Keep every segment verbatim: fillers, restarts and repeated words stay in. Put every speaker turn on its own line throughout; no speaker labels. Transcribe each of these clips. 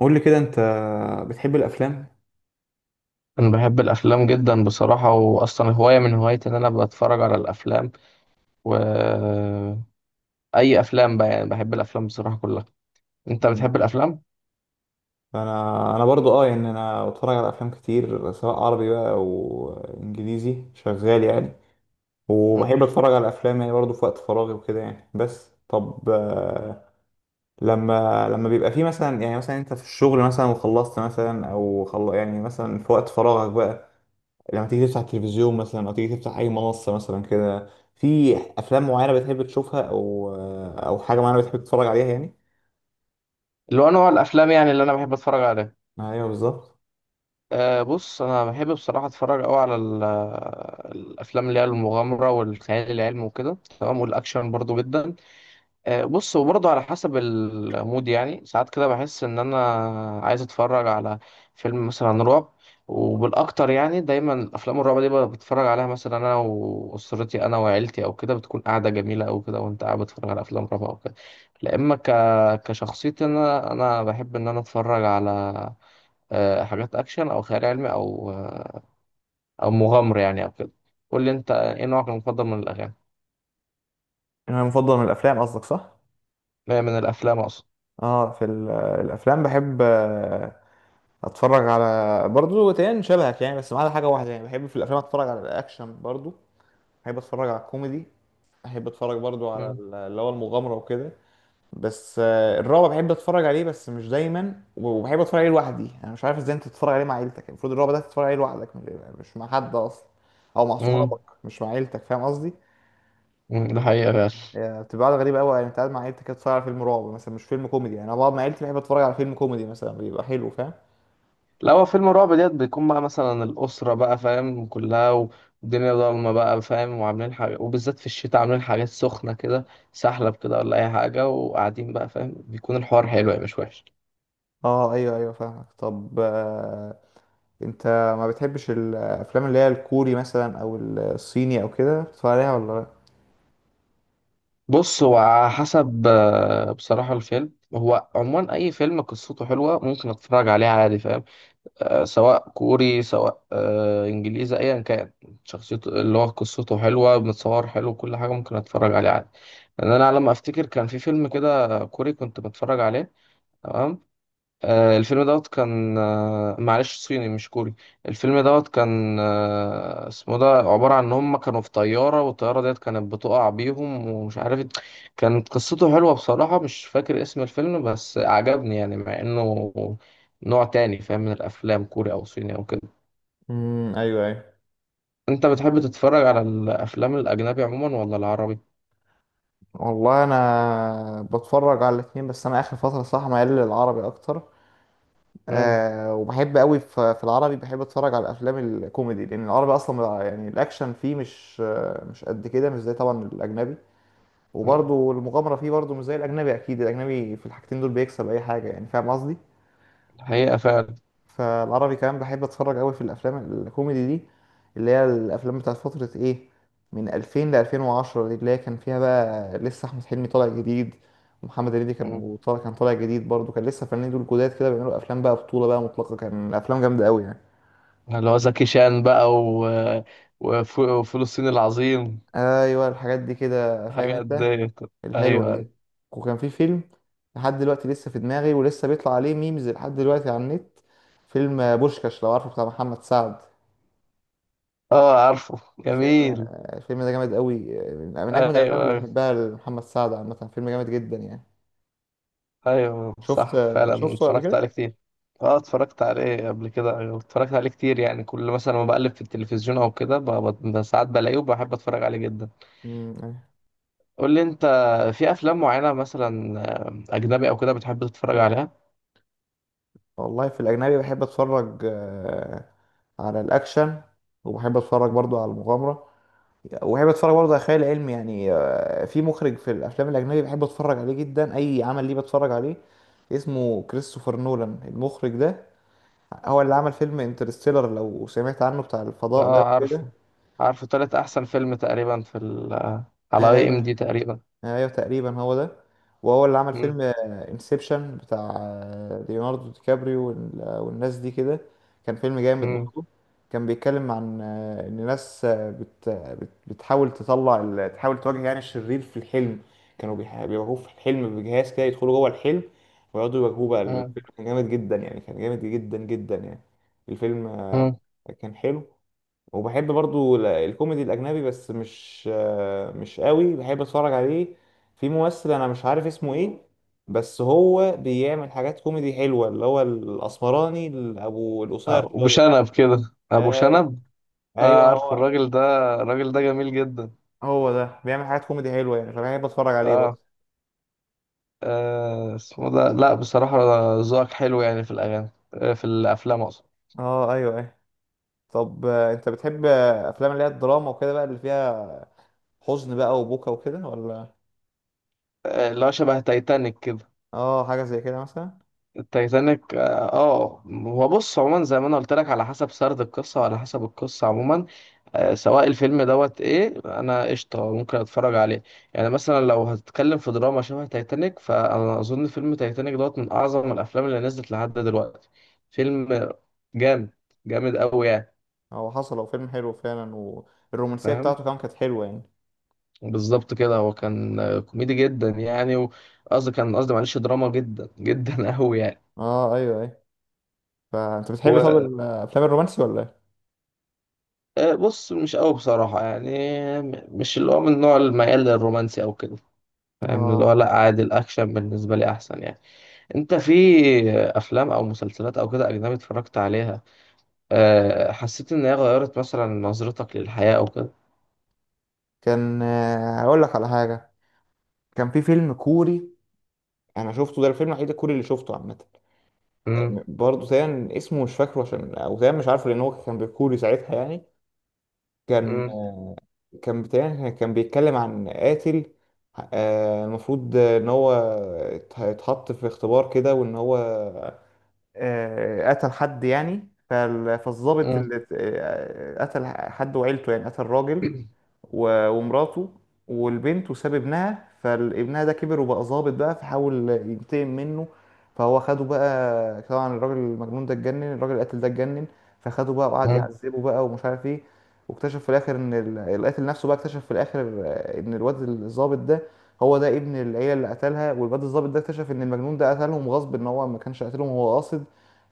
قول لي كده، انت بتحب الافلام؟
أنا بحب الأفلام جدا بصراحة، وأصلا هواية من هوايتي إن أنا بتفرج على الأفلام، وأي أفلام بقى، يعني بحب الأفلام بصراحة كلها. أنت
مم.
بتحب الأفلام؟
انا انا برضو اه يعني انا بتفرج على افلام كتير سواء عربي بقى او انجليزي شغال يعني.
مم.
وبحب اتفرج على افلام يعني برضو في وقت فراغي وكده يعني، بس طب آه، لما لما بيبقى في مثلا، يعني مثلا انت في الشغل مثلا وخلصت مثلا او خل... يعني مثلا في وقت فراغك بقى، لما تيجي تفتح التلفزيون مثلا او تيجي تفتح اي منصة مثلا كده، في افلام معينة بتحب تشوفها او او حاجة معينة بتحب تتفرج عليها يعني.
اللي هو نوع الأفلام يعني اللي أنا بحب أتفرج عليها.
ايوه، بالظبط.
أه بص، أنا بحب بصراحة أتفرج أوي على ال- الأفلام اللي هي المغامرة والخيال العلمي وكده، تمام، والأكشن برضو جدا. آه، بص هو برضه على حسب المود، يعني ساعات كده بحس ان انا عايز اتفرج على فيلم مثلا رعب، وبالاكتر يعني دايما افلام الرعب دي بقى بتفرج عليها مثلا انا واسرتي، انا وعيلتي او كده، بتكون قاعده جميله او كده، وانت قاعد بتتفرج على افلام رعب او كده. لا اما ك... كشخصيتي انا انا بحب ان انا اتفرج على آه، حاجات اكشن او خيال علمي او آه، او مغامره يعني او كده. قول لي انت ايه نوعك المفضل من الاغاني،
انا مفضل من الافلام قصدك، صح؟
آه، من الافلام اقصد.
اه، في ال- الافلام بحب آه، اتفرج على برضو تاني شبهك يعني، بس ما عدا حاجه واحده يعني. بحب في الافلام اتفرج على الاكشن برضو، بحب اتفرج على الكوميدي، بحب اتفرج برضو على
مم.
ال- اللي هو المغامره وكده. بس آه، الرعب بحب اتفرج عليه بس مش دايما، وبحب اتفرج عليه لوحدي، انا مش عارف ازاي انت تتفرج عليه مع عيلتك، المفروض الرعب ده تتفرج عليه لوحدك، مش مش مع حد اصلا، او مع
مم.
صحابك، مش مع عيلتك، فاهم قصدي؟
مم. ده حقيقة فعلا.
يعني بتبقى قاعدة غريبة قوي، يعني انت قاعد مع عيلتك كده بتتفرج على فيلم رعب مثلا مش فيلم كوميدي، يعني انا بقعد مع عيلتي بحب اتفرج على فيلم كوميدي مثلا بيبقى حلو، فاهم؟
لا، هو فيلم رعب ديت بيكون بقى مثلا الأسرة بقى فاهم كلها و- والدنيا ضلمة بقى فاهم، وعاملين حاجة، وبالذات في الشتاء عاملين حاجات سخنة كده، سحلب كده ولا أي حاجة، وقاعدين بقى فاهم بيكون الحوار حلو يعني، مش وحش.
اه، ايوه ايوه، فاهمك. طب آه، انت ما بتحبش الافلام اللي هي الكوري مثلا او الصيني او كده بتتفرج عليها ولا لا؟
بص هو على حسب آه، بصراحة الفيلم هو عموما أي فيلم قصته حلوة ممكن أتفرج عليه عادي فاهم. آه، سواء كوري، سواء آه، انجليزي، ايا كان شخصيته، اللي هو قصته حلوه، متصور حلو، كل حاجه ممكن اتفرج عليه عادي. لان انا على ما افتكر كان في فيلم كده كوري كنت بتفرج عليه، تمام. آه، الفيلم دوت كان آه، معلش صيني مش كوري. الفيلم دوت كان آه، اسمه ده عبارة عن ان هم كانوا في طيارة، والطيارة ديت كانت بتقع بيهم ومش عارف، كانت قصته حلوة بصراحة. مش فاكر اسم الفيلم بس عجبني يعني، مع انه نوع تاني فاهم من الافلام كوري او صيني او كده.
امم ايوه ايوه.
انت بتحب تتفرج على الافلام الاجنبي عموما ولا العربي؟
والله انا بتفرج على الاثنين، بس انا اخر فتره صراحه ميال للعربي اكتر.
مم.
أه وبحب قوي في في العربي بحب اتفرج على الافلام الكوميدي، لان العربي اصلا بقى- يعني الاكشن فيه مش آه، مش قد كده، مش زي طبعا الاجنبي.
مم.
وبرضه المغامرة فيه برضه مش زي الأجنبي، أكيد الأجنبي في الحاجتين دول بيكسب أي حاجة، يعني فاهم قصدي؟
الحقيقة فعلا.
فالعربي كمان بحب أتفرج أوي في الأفلام الكوميدي دي، اللي هي الأفلام بتاعت فترة إيه؟ من ألفين ل ألفين وعشرة دي، اللي هي كان فيها بقى لسه أحمد حلمي طالع جديد، ومحمد هنيدي
مم.
كان طالع كان طالع جديد برضه، كان لسه فنانين دول جداد كده بيعملوا أفلام بقى بطولة بقى مطلقة، كان أفلام جامدة أوي يعني.
اللي هو زكي شان بقى و... وف- وفلسطين العظيم.
ايوه، الحاجات دي كده فاهم
حاجات
انت،
ديت. ايوه
الحلوه
ايوه.
دي. وكان في فيلم لحد دلوقتي لسه في دماغي، ولسه بيطلع عليه ميمز لحد دلوقتي على النت، فيلم بوشكاش لو عارفه بتاع محمد سعد.
اه عارفه،
الفيلم
جميل.
الفيلم ده جامد قوي، من من
ايوه
اجمد الافلام اللي
ايوه.
بحبها لمحمد سعد، عامه فيلم جامد جدا يعني.
ايوه
شفت
صح فعلا،
شفته قبل
اتفرجت عليه
كده؟
كتير. اه اتفرجت عليه قبل كده، أيوة، اتفرجت عليه كتير يعني، كل مثلا ما بقلب في التلفزيون او كده ب- ب- ساعات بلاقيه، وبحب اتفرج عليه جدا.
مم.
قول لي انت، في افلام معينه مثلا آه، اجنبي او كده بتحب تتفرج عليها؟
والله في الاجنبي بحب اتفرج آه، على الاكشن، وبحب اتفرج برضو على المغامره، وبحب اتفرج برضه على خيال علمي يعني. آه، في مخرج في الافلام الاجنبي بحب اتفرج عليه جدا، اي عمل ليه بتفرج عليه، اسمه كريستوفر نولان المخرج ده، هو اللي عمل فيلم انترستيلر لو سمعت عنه بتاع الفضاء ده
اه
وكده.
عارفه، عارفه تالت احسن فيلم تقريبا في ال آه، على اي
آه،
ام دي تقريبا.
ايوه تقريبا هو ده. وهو اللي عمل
مم،
فيلم انسبشن بتاع آه، ليوناردو دي كابريو وال- آه، والناس دي كده، كان فيلم جامد
مم،
برضه. كان بيتكلم عن آه، ان ناس آه، بت بت- بتحاول تطلع ال- تحاول تواجه يعني الشرير في الحلم، كانوا بيح- بيواجهوه في الحلم بجهاز كده، يدخلوا جوه الحلم ويقعدوا يواجهوه بقى، الفيلم
مم،
كان جامد جدا يعني، كان جامد جدا جدا يعني. الفيلم آه،
مم.
كان حلو. وبحب برضو ال- الكوميدي الاجنبي بس مش آه، مش قوي بحب اتفرج عليه. في ممثل انا مش عارف اسمه ايه، بس هو بيعمل حاجات كوميدي حلوه، اللي هو الاسمراني ابو القصير
آه، ابو
شويه.
شنب كده، ابو
أي-
شنب.
ايوه،
آه عارف
هو.
الراجل ده، الراجل ده جميل جدا.
هو ده بيعمل حاجات كوميدي حلوه يعني، فبحب اتفرج عليه
اه،
برضه.
آه اسمه ده، لا بصراحة، ذوقك حلو يعني في الأغاني، آه في الأفلام أقصد.
اه، ايوه ايوه. طب آه، انت بتحب آه، افلام اللي هي الدراما وكده بقى، اللي فيها حزن بقى وبكا وكده ولا؟
آه اللي هو شبه تايتانيك كده.
اه، حاجه زي كده مثلا.
التايتانيك، اه. آه، هو بص عموما زي ما انا قلت لك على حسب سرد القصة وعلى حسب القصة عموما، آه سواء الفيلم دوت ايه انا، قشطة، ممكن اتفرج عليه. يعني مثلا لو هتتكلم في دراما شبه تايتانيك، فانا اظن فيلم تايتانيك دوت من اعظم الافلام اللي نزلت لحد دلوقتي. فيلم جامد، جامد قوي يعني.
هو حصل هو فيلم حلو فعلا، والرومانسيه
فاهم،
بتاعته كمان كانت حلوه يعني.
بالظبط كده. هو كان آه، كوميدي جدا يعني، وقصدي كان قصدي، معلش، دراما جدا جدا قوي يعني.
اه، ايوه ايوه، فانت بتحب طب
هو
الافلام الرومانسي ولا ايه؟
آه، بص مش قوي بصراحة يعني، م- مش اللي هو من نوع الميال للرومانسي او كده، فاهم اللي هو،
اه،
لا عادي، الاكشن بالنسبة لي احسن يعني. انت في افلام او مسلسلات او كده اجنبي اتفرجت عليها، آه، حسيت ان هي غيرت مثلا نظرتك للحياة او كده؟
كان آه، هقول لك على حاجه، كان في فيلم كوري انا شفته ده الفيلم الوحيد الكوري اللي شفته عامه. آه،
امم.
برضه تقريبا اسمه مش فاكره، عشان او تقريبا مش عارفه لان هو كان بالكوري ساعتها يعني. كان
امم.
كان تقريبا كان بيتكلم عن قاتل، آه، المفروض ان هو ات- اتحط في اختبار كده، وان هو آه، قتل حد يعني، فال- فالضابط
امم.
اللي ات- آه، قتل حد وعيلته، يعني قتل راجل و- ومراته والبنت وساب ابنها. فابنها ده كبر وبقى ظابط بقى، فحاول ينتقم منه، فهو خده بقى طبعا، الراجل المجنون ده اتجنن، الراجل القاتل ده اتجنن، فخده بقى وقعد
امم.
يعذبه بقى ومش عارف ايه. واكتشف في الاخر ان ال- القاتل نفسه بقى اكتشف في الاخر آه، ان الواد الظابط ده هو ده ابن العيله اللي قتلها، والواد الظابط ده اكتشف ان المجنون ده قتلهم غصب، ان هو ما كانش قاتلهم هو قاصد.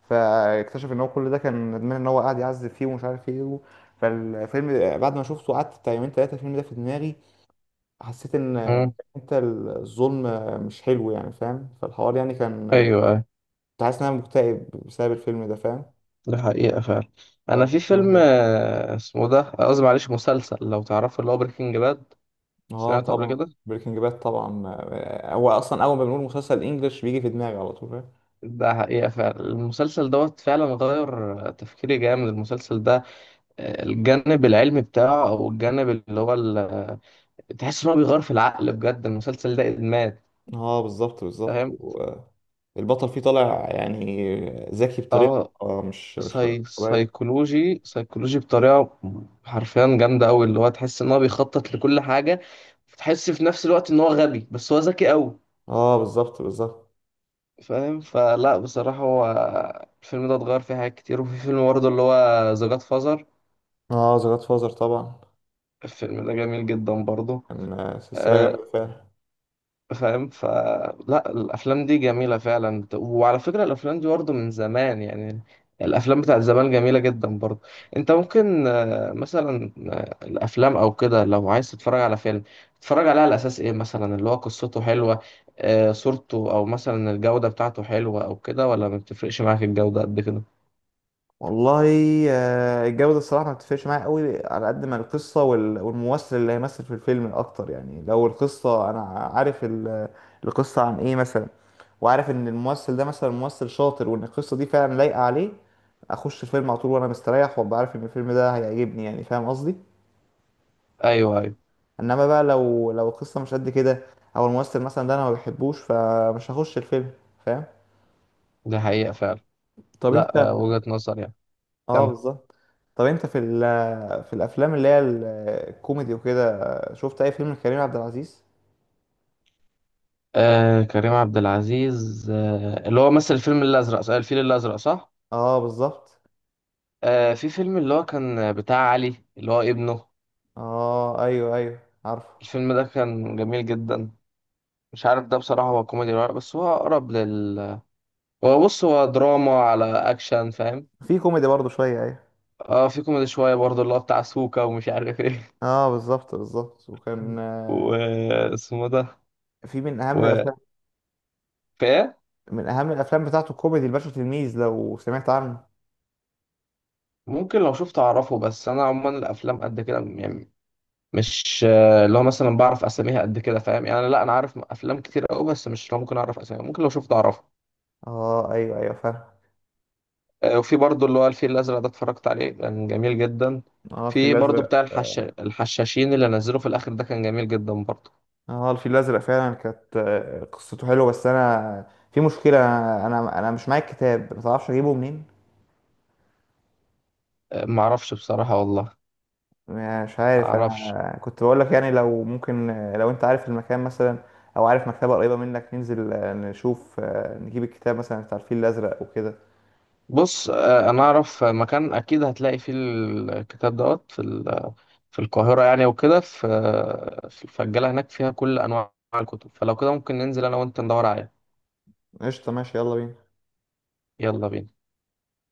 فاكتشف ان هو كل ده كان ندمان ان هو قاعد يعذب فيه ومش عارف ايه. فالفيلم بعد ما شفته قعدت بتاع يومين تلاتة الفيلم ده في دماغي، حسيت ان انت الظلم مش حلو يعني، فاهم؟ فالحوار يعني كان،
ايوه أيوه.
كنت حاسس ان انا مكتئب بسبب الفيلم ده، فاهم؟
ده حقيقة فعلا. أنا في
فكان فيلم
فيلم
حلو.
آه، اسمه ده، آه، قصدي معلش مسلسل لو تعرفه اللي هو بريكنج باد.
اه،
سمعته قبل
طبعا
كده.
بريكنج باد، طبعا. هو اصلا اول ما بنقول مسلسل انجلش بيجي في دماغي على طول، فاهم؟
ده حقيقة فعلا، المسلسل دوت فعلا غير آه، تفكيري جامد المسلسل ده. آه، الجانب العلمي بتاعه أو الجانب اللي هو ال- آه، تحس إن هو بيغير في العقل بجد، المسلسل ده إدمان
اه، بالظبط بالظبط،
فاهم.
والبطل فيه طالع يعني ذكي بطريقة
اه
آه، مش مش
ساي...
طبيعية.
سايكولوجي سايكولوجي بطريقة حرفيا جامدة أوي، اللي هو تحس إن هو بيخطط لكل حاجة، تحس في نفس الوقت إن هو غبي بس هو ذكي أوي.
اه، بالظبط بالظبط.
فاهم فلا بصراحة، هو الفيلم ده اتغير فيه حاجات كتير، وفي فيلم برضه اللي هو ذا جاد فازر،
اه، ذا جاد فازر طبعا،
الفيلم ده جميل جدا برضه
كان سلسلة
آه،
جامدة فعلا.
فاهم. فلا الأفلام دي جميلة فعلا، وعلى فكرة الأفلام دي برضه من زمان يعني، الأفلام بتاعت زمان جميلة جدا برضه. أنت ممكن آه، مثلا آه، الأفلام أو كده لو عايز تتفرج على فيلم، تتفرج عليه على أساس إيه؟ مثلا اللي هو قصته حلوة، آه، صورته، أو مثلا الجودة بتاعته حلوة أو كده، ولا ما بتفرقش معاك الجودة قد كده؟
والله آه، الجودة الصراحة ما بتفرقش معايا قوي على قد ما القصة وال- والممثل اللي هيمثل في الفيلم أكتر، يعني لو القصة أنا عارف ال- القصة عن إيه مثلا، وعارف إن الممثل ده مثلا ممثل شاطر، وإن القصة دي فعلا لايقة عليه، أخش الفيلم على طول وأنا مستريح، وأبقى عارف إن الفيلم ده هيعجبني يعني، فاهم قصدي؟
أيوه أيوه.
إنما بقى لو لو القصة مش قد كده، أو الممثل مثلا ده أنا ما بحبوش فمش هخش الفيلم، فاهم؟
ده حقيقة فعلا.
طب أنت.
لا آه، وجهة نظر يعني.
آه،
كم.
بالظبط. طب أنت في ال في الافلام اللي هي ال- الكوميدي وكده، شفت اي فيلم لكريم عبد العزيز؟
آه كريم عبد العزيز، آه اللي هو مثل الفيلم الأزرق صح؟ الفيل الأزرق صح؟
اه، بالظبط.
آه في فيلم اللي هو كان بتاع علي اللي هو ابنه.
اه، ايوه ايوه، عارفه.
الفيلم ده كان جميل جدا. مش عارف ده بصراحة، هو كوميدي ولا لأ، بس هو أقرب لل هو بص، هو دراما على أكشن فاهم.
في كوميدي برضه شويه، ايوه.
اه في كوميدي شوية برضه اللي هو بتاع سوكا ومش عارف ايه
اه، بالظبط بالظبط. وكان آه،
واسمه ده
في من اهم
و...
الافلام
فايه.
من اهم الافلام بتاعته الكوميدي الباشا تلميذ لو سمعت عنه.
ممكن لو شفت اعرفه، بس انا عموما الافلام قد كده يعني، مش آه، اللي هو مثلا بعرف اساميها قد كده، فاهم يعني، لا انا عارف افلام كتير قوي بس مش اللي هو ممكن اعرف اساميها، ممكن لو شفت اعرفها.
اه، ايوه ايوه، فاهم.
آه، وفي برضو اللي هو الفيل الازرق ده، اتفرجت عليه كان جميل جدا.
اه، الفيل
في برضو بتاع
الازرق.
الحش... الحشاشين اللي نزلوه في الاخر ده، كان جميل جدا برضو.
اه، الفيل الازرق فعلا كانت آه، قصته حلوه، بس انا في مشكله، انا انا مش معايا الكتاب. ما تعرفش اجيبه منين؟
آه، معرفش بصراحة والله.
مش عارف،
معرفش.
انا كنت بقول لك يعني لو ممكن، لو انت عارف المكان مثلا، او عارف مكتبه قريبه منك ننزل آه، نشوف آه، نجيب الكتاب مثلا بتاع الفيل الازرق وكده.
بص آه، انا اعرف مكان اكيد هتلاقي فيه الكتاب دوت في ال... في القاهرة يعني، وكده، في في الفجالة هناك، فيها كل انواع الكتب، فلو كده ممكن ننزل انا وانت ندور عليه.
قشطه، ماشي، يلا بينا.
يلا بينا.